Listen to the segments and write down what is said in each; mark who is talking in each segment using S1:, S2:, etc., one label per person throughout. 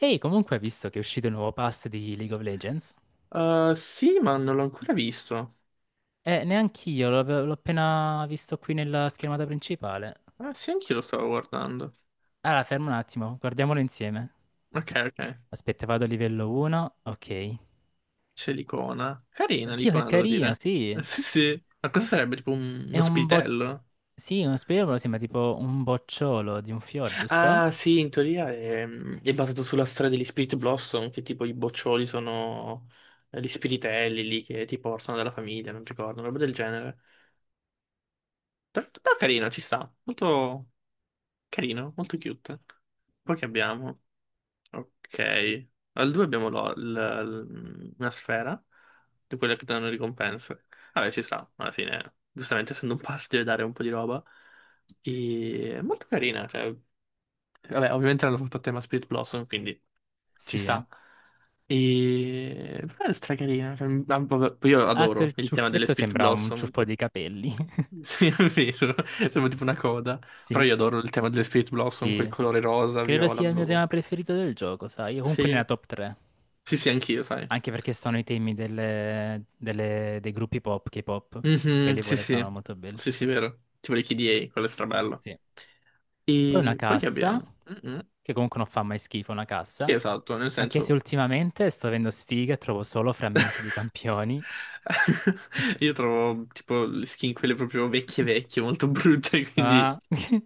S1: Ehi, comunque, hai visto che è uscito il nuovo pass di League of Legends?
S2: Sì, ma non l'ho ancora visto.
S1: Neanch'io, l'ho appena visto qui nella schermata principale.
S2: Ah, sì, anch'io lo stavo guardando.
S1: Allora, fermo un attimo, guardiamolo insieme.
S2: Ok, ok.
S1: Aspetta, vado a livello 1, ok.
S2: C'è l'icona. Carina
S1: Oddio, che
S2: l'icona, devo
S1: carina,
S2: dire.
S1: sì.
S2: Sì, sì. Ma cosa sarebbe? Tipo
S1: È
S2: uno
S1: un bo...
S2: spiritello?
S1: Sì, uno spiegamolo sembra tipo un bocciolo di un fior, giusto?
S2: Ah, sì, in teoria è basato sulla storia degli Spirit Blossom, che tipo i boccioli sono gli spiritelli lì che ti portano dalla famiglia, non ricordo, roba del genere. Però carino, ci sta. Molto carino, molto cute. Poi che abbiamo? Ok. Al 2 abbiamo una sfera di quelle che danno ricompense. Vabbè, ci sta, alla fine. Giustamente, essendo un pass, deve dare un po' di roba. E è molto carina. Cioè. Vabbè, ovviamente l'hanno fatto a tema Spirit Blossom, quindi ci
S1: Sì, eh.
S2: sta. E. Però è stracarina. Cioè, ah, vabbè, poi io
S1: Ah,
S2: adoro
S1: quel
S2: il tema delle
S1: ciuffetto
S2: Spirit
S1: sembra un
S2: Blossom.
S1: ciuffo di capelli.
S2: Sì, è vero. Sembra tipo una coda. Però
S1: Sì,
S2: io adoro il tema delle Spirit Blossom, quel
S1: sì.
S2: colore rosa,
S1: Credo
S2: viola,
S1: sia il mio
S2: blu.
S1: tema preferito del gioco, sai? Comunque
S2: Sì,
S1: nella top 3.
S2: sì, sì, anch'io, sai.
S1: Anche perché sono i temi dei gruppi pop, K-pop,
S2: Mhm,
S1: quelli
S2: sì,
S1: pure sono
S2: sì,
S1: molto belli.
S2: sì, sì, vero. Tipo le KDA, quello è strabello.
S1: Sì. Poi una
S2: E poi che
S1: cassa,
S2: abbiamo? Mhm.
S1: che comunque non fa mai schifo una
S2: Sì,
S1: cassa,
S2: esatto, nel
S1: anche se
S2: senso.
S1: ultimamente sto avendo sfiga e trovo solo frammenti di campioni.
S2: Io trovo tipo le skin quelle proprio vecchie vecchie, molto brutte, quindi
S1: Ah.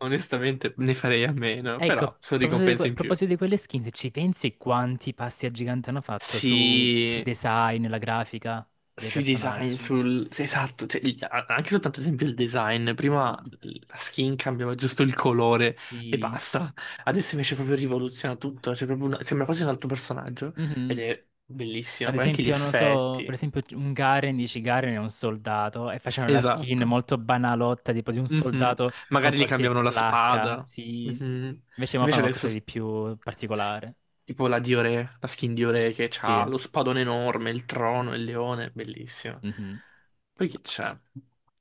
S2: onestamente ne farei a meno,
S1: Ecco,
S2: però
S1: a
S2: sono
S1: proposito di,
S2: ricompense
S1: a
S2: in più.
S1: proposito di quelle skin, se ci pensi quanti passi a gigante hanno fatto sui
S2: Sì,
S1: design, la grafica dei
S2: sui design,
S1: personaggi?
S2: sul. Sì, esatto, cioè, anche soltanto ad esempio il design, prima la skin cambiava giusto il colore e
S1: Sì.
S2: basta, adesso invece proprio rivoluziona tutto, cioè, proprio sembra quasi un altro personaggio
S1: Mhm.
S2: ed è bellissimo,
S1: Ad
S2: poi anche gli
S1: esempio, non so, per
S2: effetti.
S1: esempio un Garen, dici Garen è un soldato e facevano la skin
S2: Esatto.
S1: molto banalotta, tipo di un
S2: Mhm.
S1: soldato con
S2: Magari gli
S1: qualche
S2: cambiavano la
S1: placca,
S2: spada.
S1: sì.
S2: Mhm.
S1: Invece mo
S2: Invece
S1: fanno
S2: adesso,
S1: qualcosa di più
S2: sì.
S1: particolare,
S2: Tipo la Diore, la skin Diore che
S1: sì.
S2: ha lo spadone enorme, il trono, il leone, bellissimo.
S1: Mhm.
S2: Poi che c'è?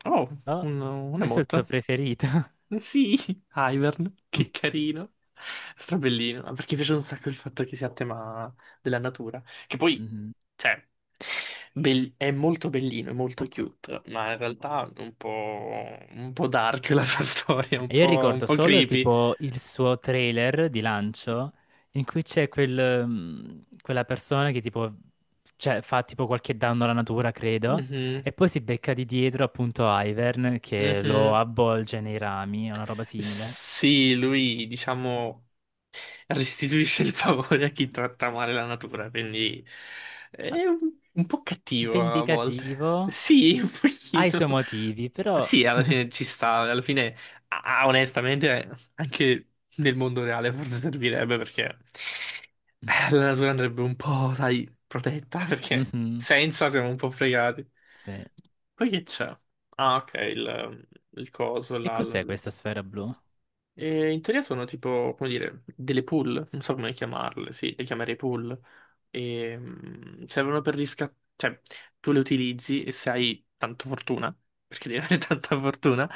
S2: Oh,
S1: Oh,
S2: un
S1: questo è il tuo
S2: emote.
S1: preferito.
S2: Eh, sì, Ivern, che carino. Strabellino, ma perché mi piace un sacco il fatto che sia a tema della natura. Che poi,
S1: Mhm.
S2: cioè, è molto bellino, è molto cute, ma in realtà è un, po', un po' dark la sua storia, un
S1: E io
S2: po', un
S1: ricordo
S2: po'
S1: solo il
S2: creepy.
S1: tipo il suo trailer di lancio in cui c'è quel, quella persona che tipo cioè, fa tipo qualche danno alla natura, credo,
S2: Mhm,
S1: e poi si becca di dietro appunto Ivern che lo
S2: mhm.
S1: avvolge nei rami, una roba simile.
S2: Sì, lui, diciamo, restituisce il favore a chi tratta male la natura, quindi
S1: Ah,
S2: è un po' cattivo a
S1: vendicativo,
S2: volte. Sì, un
S1: ha i
S2: pochino.
S1: suoi motivi, però...
S2: Sì, alla fine ci sta, alla fine, ah, onestamente, anche nel mondo reale forse servirebbe perché la natura andrebbe un po', sai, protetta, perché
S1: Mhm,
S2: senza siamo un po' fregati.
S1: sì.
S2: Poi che c'è? Ah, ok, il coso
S1: Che
S2: là.
S1: cos'è questa sfera blu?
S2: E in teoria sono tipo, come dire, delle pool, non so come chiamarle, sì, le chiamerei pool, e, servono per gli cioè tu le utilizzi e se hai tanta fortuna, perché devi avere tanta fortuna,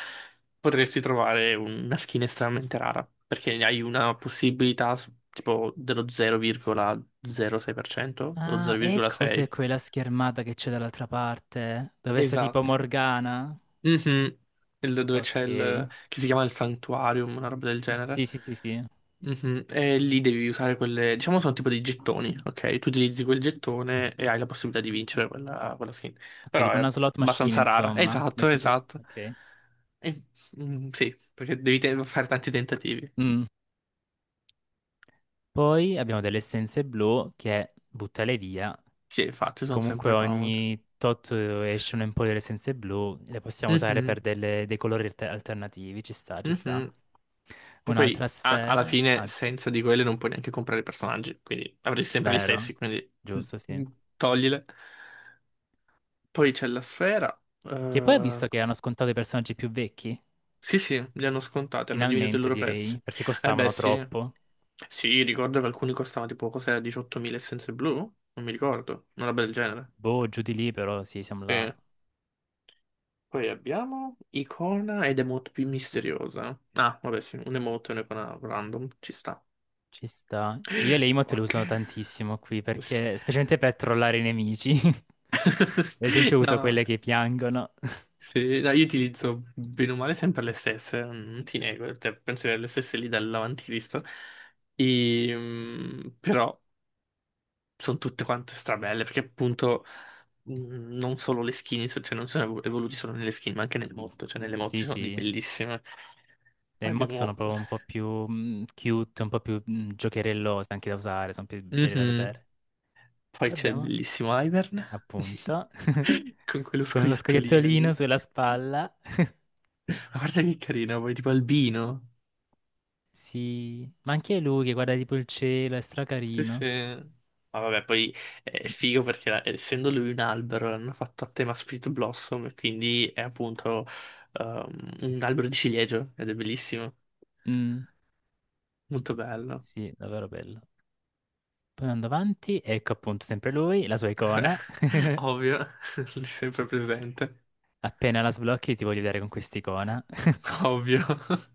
S2: potresti trovare una skin estremamente rara, perché hai una possibilità tipo dello 0,06% o
S1: Ah, ecco cos'è
S2: 0,6%.
S1: quella schermata che c'è dall'altra parte, dove sta tipo
S2: Esatto.
S1: Morgana.
S2: Mhm. Dove c'è il,
S1: Ok.
S2: che si chiama il Sanctuarium, una roba del genere.
S1: Sì, sì, sì, sì.
S2: Mhm, e lì devi usare quelle, diciamo sono tipo dei gettoni, ok? Tu utilizzi quel gettone e hai la possibilità di vincere quella skin.
S1: Ok,
S2: Però
S1: tipo
S2: è
S1: una slot machine,
S2: abbastanza rara.
S1: insomma.
S2: Esatto, esatto.
S1: Ok.
S2: E- sì, perché devi fare tanti tentativi.
S1: Mm. Poi abbiamo delle essenze blu che buttale via.
S2: Sì, infatti sono
S1: Comunque
S2: sempre comode.
S1: ogni tot escono un po' delle essenze blu, le possiamo usare
S2: Mhm,
S1: per dei colori alternativi. Ci sta, ci sta.
S2: mhm. Poi
S1: Un'altra
S2: alla
S1: sfera.
S2: fine
S1: Ah,
S2: senza di quelle non puoi neanche comprare i personaggi, quindi avresti sempre gli
S1: vero.
S2: stessi, quindi mm,
S1: Giusto, sì.
S2: mm, toglile. Poi c'è la sfera.
S1: Che poi ho
S2: Eh,
S1: visto che hanno scontato i personaggi più vecchi.
S2: sì, sì, le hanno scontate, hanno diminuito il
S1: Finalmente,
S2: loro prezzo.
S1: direi, perché
S2: Eh beh,
S1: costavano
S2: sì.
S1: troppo.
S2: Sì, ricordo che alcuni costavano tipo cos'era 18.000 essenze blu? Non mi ricordo, una roba del genere.
S1: Boh, giù di lì, però sì, siamo là.
S2: Sì. Poi abbiamo icona ed emote più misteriosa. Ah, vabbè, sì, un emote e un'icona random, ci sta.
S1: Ci sta. Io le emote le
S2: Ok.
S1: usano tantissimo qui
S2: S-
S1: perché, specialmente per trollare i nemici. Ad esempio uso
S2: No,
S1: quelle che piangono.
S2: sì, no, io utilizzo bene o male sempre le stesse, non ti nego, cioè, penso che le stesse lì dall'avanti Cristo. E, però sono tutte quante strabelle, perché appunto non solo le skin, cioè non sono evoluti solo nelle skin, ma anche nelle mod, cioè nelle mod
S1: Sì,
S2: ci sono di
S1: sì.
S2: bellissime.
S1: Le
S2: Poi
S1: emote sono
S2: abbiamo.
S1: proprio un po' più cute, un po' più giocherellose anche da usare, sono più belle da
S2: Mhm.
S1: vedere. Poi
S2: Poi c'è il
S1: abbiamo,
S2: bellissimo Ivern,
S1: appunto,
S2: con quello
S1: con lo
S2: scoiattolino
S1: scoiattolino
S2: lì.
S1: sulla spalla.
S2: Ma guarda che carino, poi tipo albino.
S1: Sì, ma anche lui che guarda tipo il cielo, è
S2: Sì, sì.
S1: stracarino.
S2: Ma vabbè, poi è figo perché essendo lui un albero l'hanno fatto a tema Split Blossom, e quindi è appunto un albero di ciliegio ed è bellissimo.
S1: Mm,
S2: Molto bello.
S1: sì, davvero bello. Poi andando avanti, ecco appunto sempre lui, la sua
S2: Beh,
S1: icona.
S2: ovvio, lì sempre presente.
S1: Appena la sblocchi ti voglio vedere con quest'icona.
S2: Ovvio.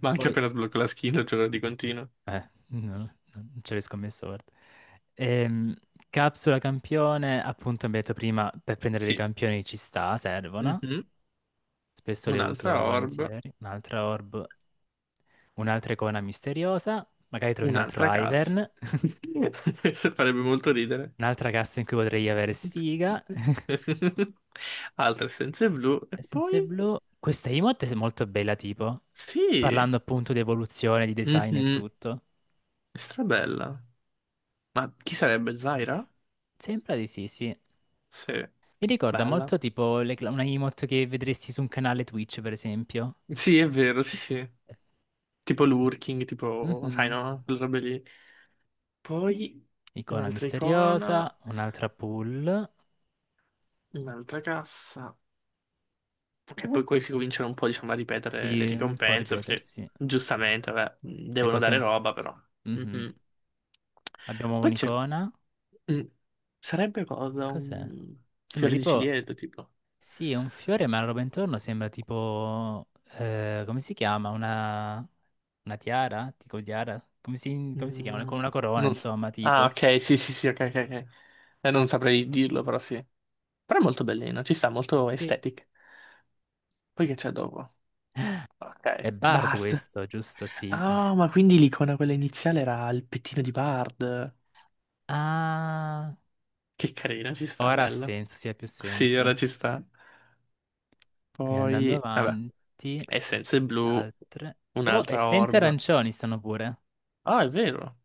S2: Ma anche
S1: Poi,
S2: appena sblocco la skill, gioco di continuo.
S1: no, no, non ce l'ho scommesso, guarda. Ehm, Capsula campione, appunto, abbiamo detto prima, per prendere dei
S2: Sì.
S1: campioni ci sta, servono.
S2: Mhm.
S1: Spesso le
S2: Un'altra
S1: uso
S2: orb,
S1: volentieri. Un'altra orb, un'altra icona misteriosa. Magari trovi un altro
S2: un'altra cassa.
S1: Ivern.
S2: Farebbe molto ridere.
S1: Un'altra cassa in cui potrei avere sfiga.
S2: Altre essenze blu. E poi.
S1: Essenze blu. Questa emote è molto bella, tipo.
S2: Sì.
S1: Parlando appunto di evoluzione, di design e
S2: Mhm.
S1: tutto.
S2: Strabella. Ma chi sarebbe? Zaira?
S1: Sembra di sì, sì. Mi
S2: Sì.
S1: ricorda
S2: Bella.
S1: molto tipo le una emote che vedresti su un canale Twitch, per esempio.
S2: Sì, è vero, sì, sì. Tipo lurking, tipo, sai,
S1: Mhm.
S2: no? Quelle robe lì. Poi
S1: Icona
S2: un'altra
S1: misteriosa,
S2: icona,
S1: un'altra pull.
S2: un'altra cassa. E poi qui si cominciano un po', diciamo, a ripetere
S1: Sì,
S2: le
S1: un po'
S2: ricompense, perché
S1: ripetersi.
S2: giustamente, vabbè,
S1: Le
S2: devono
S1: cose
S2: dare
S1: un...
S2: roba, però.
S1: Mhm.
S2: Mhm.
S1: Abbiamo
S2: Poi c'è.
S1: un'icona.
S2: mm, Sarebbe
S1: Che
S2: cosa?
S1: cos'è?
S2: Un
S1: Sembra
S2: fiore di
S1: tipo...
S2: ciliegio, tipo.
S1: Sì, è un fiore, ma la roba intorno sembra tipo, come si chiama? Una tiara? Tipo tiara? Come si chiama?
S2: Mm,
S1: Con una corona,
S2: non s-
S1: insomma,
S2: Ah,
S1: tipo.
S2: ok, sì, sì, sì, ok, ok, ok. Non saprei dirlo, però sì. Però è molto bellino, ci sta, molto
S1: Sì,
S2: aesthetic. Poi che c'è dopo?
S1: è
S2: Ok,
S1: Bard
S2: Bard.
S1: questo, giusto? Sì.
S2: Ah, ma quindi l'icona quella iniziale era il pettino di Bard.
S1: Ah,
S2: Che carina, ci sta,
S1: ora ha
S2: bello.
S1: senso, sì, ha più
S2: Sì,
S1: senso.
S2: ora ci sta.
S1: Quindi andando
S2: Poi, vabbè,
S1: avanti,
S2: essenze blu,
S1: altre. Oh,
S2: un'altra
S1: essenze
S2: orb.
S1: arancioni stanno pure.
S2: Ah, è vero.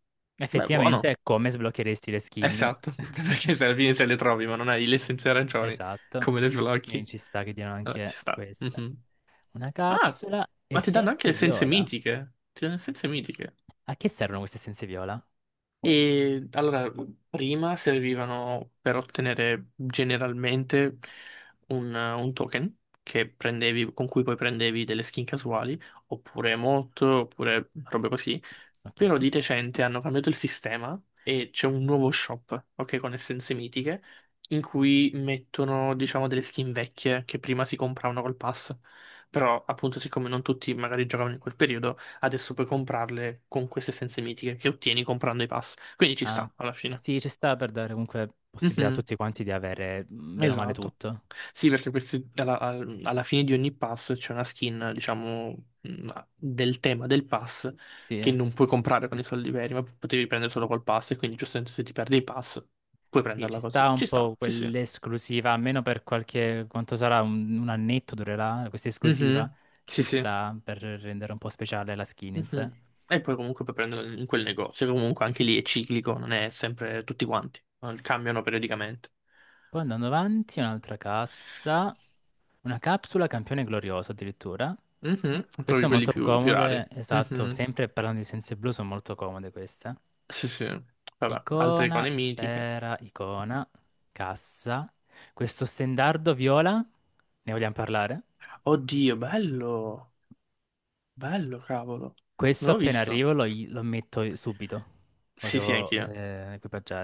S2: Beh,
S1: Effettivamente
S2: buono.
S1: è come sbloccheresti le skin.
S2: Esatto, perché se alla fine se le trovi, ma non hai le essenze arancioni,
S1: Esatto.
S2: come le
S1: Quindi
S2: sblocchi?
S1: ci sta che diano
S2: Vabbè, ci
S1: anche
S2: sta.
S1: queste.
S2: Mhm.
S1: Una
S2: Ah,
S1: capsula,
S2: ma ti danno anche
S1: essenze
S2: le essenze
S1: viola.
S2: mitiche. Ti danno essenze mitiche.
S1: A che servono queste essenze viola?
S2: E allora, prima servivano per ottenere generalmente un token che prendevi, con cui poi prendevi delle skin casuali, oppure emote, oppure robe così. Però
S1: Ok.
S2: di recente hanno cambiato il sistema e c'è un nuovo shop, ok, con essenze mitiche, in cui mettono, diciamo, delle skin vecchie che prima si compravano col pass. Però, appunto, siccome non tutti magari giocavano in quel periodo, adesso puoi comprarle con queste essenze mitiche che ottieni comprando i pass. Quindi ci
S1: Ah,
S2: sta, alla fine.
S1: sì, ci sta per dare comunque possibilità a
S2: Mhm.
S1: tutti quanti di avere bene o male
S2: Esatto.
S1: tutto.
S2: Sì, perché questi, alla, alla fine di ogni pass c'è una skin, diciamo, del tema del pass
S1: Sì,
S2: che
S1: eh,
S2: non puoi comprare con i soldi veri, ma potevi prendere solo col pass e quindi giustamente se ti perdi il pass puoi
S1: sì, ci
S2: prenderla
S1: sta
S2: così.
S1: un
S2: Ci sta,
S1: po'
S2: sì, sì.
S1: quell'esclusiva, almeno per qualche, quanto sarà, un annetto durerà questa esclusiva.
S2: Mhm, sì,
S1: Ci
S2: sì.
S1: sta per rendere un po' speciale la skin in sé.
S2: Mhm. E poi comunque puoi prenderla in quel negozio, che comunque anche lì è ciclico, non è sempre tutti quanti, cambiano periodicamente.
S1: Poi andando avanti, un'altra cassa. Una capsula campione glorioso addirittura.
S2: Mhm,
S1: Queste
S2: trovi
S1: sono
S2: quelli
S1: molto
S2: più, più rari.
S1: comode, esatto,
S2: Mhm,
S1: sempre parlando di Senza Blu sono molto comode queste.
S2: sì, sì. Vabbè, altre
S1: Icona,
S2: icone mitiche.
S1: sfera, icona, cassa. Questo stendardo viola, ne vogliamo parlare?
S2: Oddio, bello, bello, cavolo.
S1: Questo
S2: Non l'ho
S1: appena
S2: visto.
S1: arrivo lo, lo metto subito, lo
S2: Sì, sì,
S1: devo
S2: anch'io.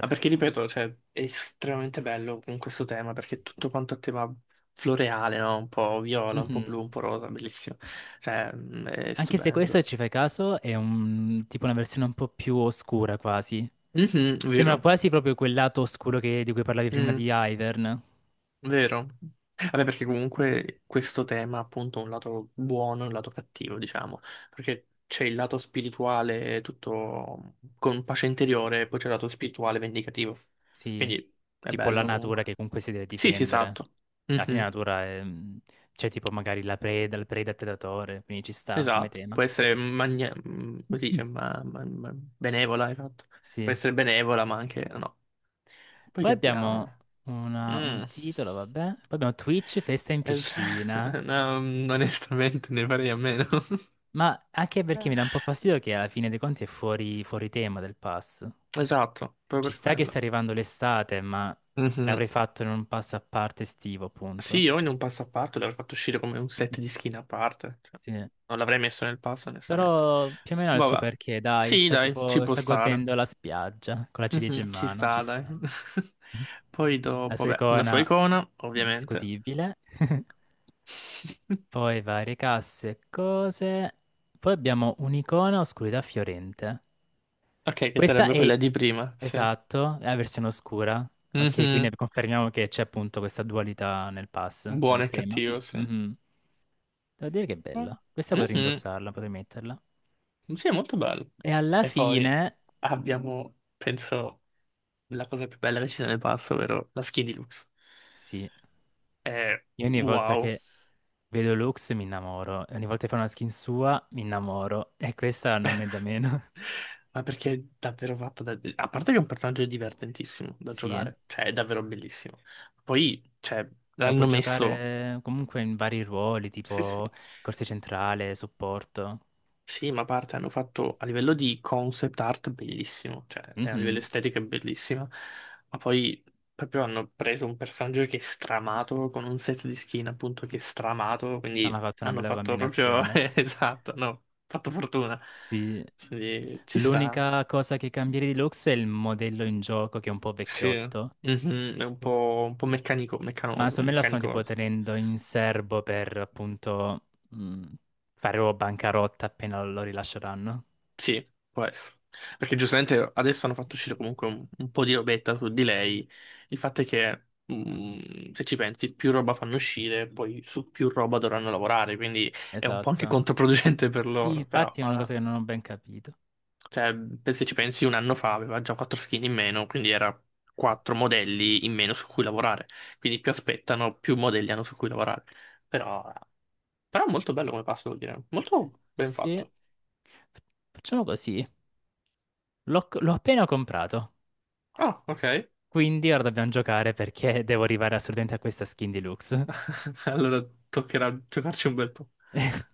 S2: Ma perché, ripeto, cioè, è estremamente bello con questo tema, perché è tutto quanto a tema floreale, no? Un po' viola, un po'
S1: Mhm.
S2: blu, un po' rosa, bellissimo. Cioè, è
S1: Anche se questo, se
S2: stupendo.
S1: ci fai caso, è un, tipo una versione un po' più oscura quasi,
S2: Mhm,
S1: sembra
S2: vero.
S1: quasi proprio quel lato oscuro di cui parlavi prima
S2: Mm.
S1: di Ivern.
S2: Vero? Vabbè, perché comunque questo tema ha appunto un lato buono e un lato cattivo, diciamo, perché c'è il lato spirituale tutto con pace interiore e poi c'è il lato spirituale vendicativo.
S1: Sì,
S2: Quindi è
S1: tipo la
S2: bello
S1: natura
S2: comunque.
S1: che comunque si deve
S2: Sì, sì,
S1: difendere.
S2: esatto.
S1: Alla fine la
S2: Mhm,
S1: natura è... c'è tipo magari la preda, il preda e il predatore, quindi ci sta come
S2: esatto.
S1: tema.
S2: Può essere come si
S1: Mm.
S2: dice, benevola, esatto. Può
S1: Sì.
S2: essere benevola, ma anche no. Poi
S1: Poi
S2: che
S1: abbiamo
S2: abbiamo?
S1: un
S2: Mm.
S1: titolo, vabbè. Poi abbiamo Twitch, festa in
S2: Es-
S1: piscina.
S2: no, onestamente ne farei a meno.
S1: Ma anche perché mi dà un po' fastidio che alla fine dei conti è fuori, fuori tema del pass.
S2: Esatto, proprio
S1: Ci
S2: per
S1: sta che sta
S2: quello.
S1: arrivando l'estate, ma
S2: Mhm.
S1: l'avrei fatto in un pass a parte estivo,
S2: Sì,
S1: appunto.
S2: io in un passo a parte l'avrei fatto uscire come un set di skin a parte. Cioè,
S1: Sì.
S2: non l'avrei messo nel passo, onestamente.
S1: Però più o meno ha il suo
S2: Vabbè.
S1: perché, dai,
S2: Sì,
S1: sta
S2: dai, ci
S1: tipo,
S2: può
S1: sta
S2: stare.
S1: godendo la spiaggia con la ciliegia in
S2: Mhm, ci
S1: mano, ci
S2: sta, dai.
S1: sta.
S2: Poi
S1: La
S2: dopo,
S1: sua
S2: beh, una
S1: icona
S2: sua icona, ovviamente.
S1: discutibile. Poi varie casse e cose. Poi abbiamo un'icona oscurità fiorente.
S2: Ok, che
S1: Questa
S2: sarebbe quella
S1: è,
S2: di prima, sì.
S1: esatto, è la versione oscura. Ok, quindi
S2: Mhm.
S1: confermiamo che c'è appunto questa dualità nel pass,
S2: Buono
S1: nel
S2: e
S1: tema.
S2: cattivo, sì.
S1: Mhm. Devo dire che è bella. Questa potrei
S2: Mhm.
S1: indossarla, potrei metterla.
S2: Sì, è molto bello.
S1: E alla
S2: E poi
S1: fine,
S2: abbiamo, penso, la cosa più bella che ci sia nel passo, ovvero la skin di Lux.
S1: sì.
S2: È
S1: Io ogni volta
S2: wow.
S1: che vedo Lux mi innamoro, e ogni volta che fa una skin sua mi innamoro, e questa non è da meno.
S2: Ma perché è davvero fatta da. A parte che è un personaggio divertentissimo da
S1: Sì, eh,
S2: giocare, cioè è davvero bellissimo. Poi, cioè,
S1: la puoi
S2: l'hanno messo.
S1: giocare comunque in vari ruoli,
S2: Sì, sì.
S1: tipo corsia centrale, supporto.
S2: Sì, ma a parte hanno fatto a livello di concept art bellissimo, cioè e a livello
S1: Mhm.
S2: estetico è bellissima, ma poi proprio hanno preso un personaggio che è stramato con un set di skin appunto che è stramato,
S1: Hanno
S2: quindi
S1: fatto una
S2: hanno
S1: bella
S2: fatto proprio
S1: combinazione.
S2: esatto, no, fatto fortuna.
S1: Sì,
S2: Quindi ci sta.
S1: l'unica cosa che cambierei di Lux è il modello in gioco che è un po'
S2: Sì.
S1: vecchiotto.
S2: Mhm, è un po' meccanico,
S1: Ma
S2: meccanoso,
S1: secondo me la stanno tipo
S2: meccanico.
S1: tenendo in serbo per appunto fare proprio bancarotta appena lo rilasceranno.
S2: Sì, può essere. Perché giustamente adesso hanno fatto uscire comunque un po' di robetta su di lei. Il fatto è che, se ci pensi, più roba fanno uscire, poi su più roba dovranno lavorare, quindi è un po' anche
S1: Esatto.
S2: controproducente per
S1: Sì,
S2: loro. Però,
S1: infatti è una
S2: vabbè.
S1: cosa che non ho ben capito.
S2: Cioè, se ci pensi, un anno fa aveva già quattro skin in meno, quindi era quattro modelli in meno su cui lavorare. Quindi più aspettano, più modelli hanno su cui lavorare. Però, però è molto bello come passo, devo dire. Molto ben
S1: Sì,
S2: fatto.
S1: F- facciamo così. L'ho appena comprato,
S2: Ah, ok.
S1: quindi ora dobbiamo giocare perché devo arrivare assolutamente a questa skin deluxe.
S2: Allora toccherà giocarci un bel po'.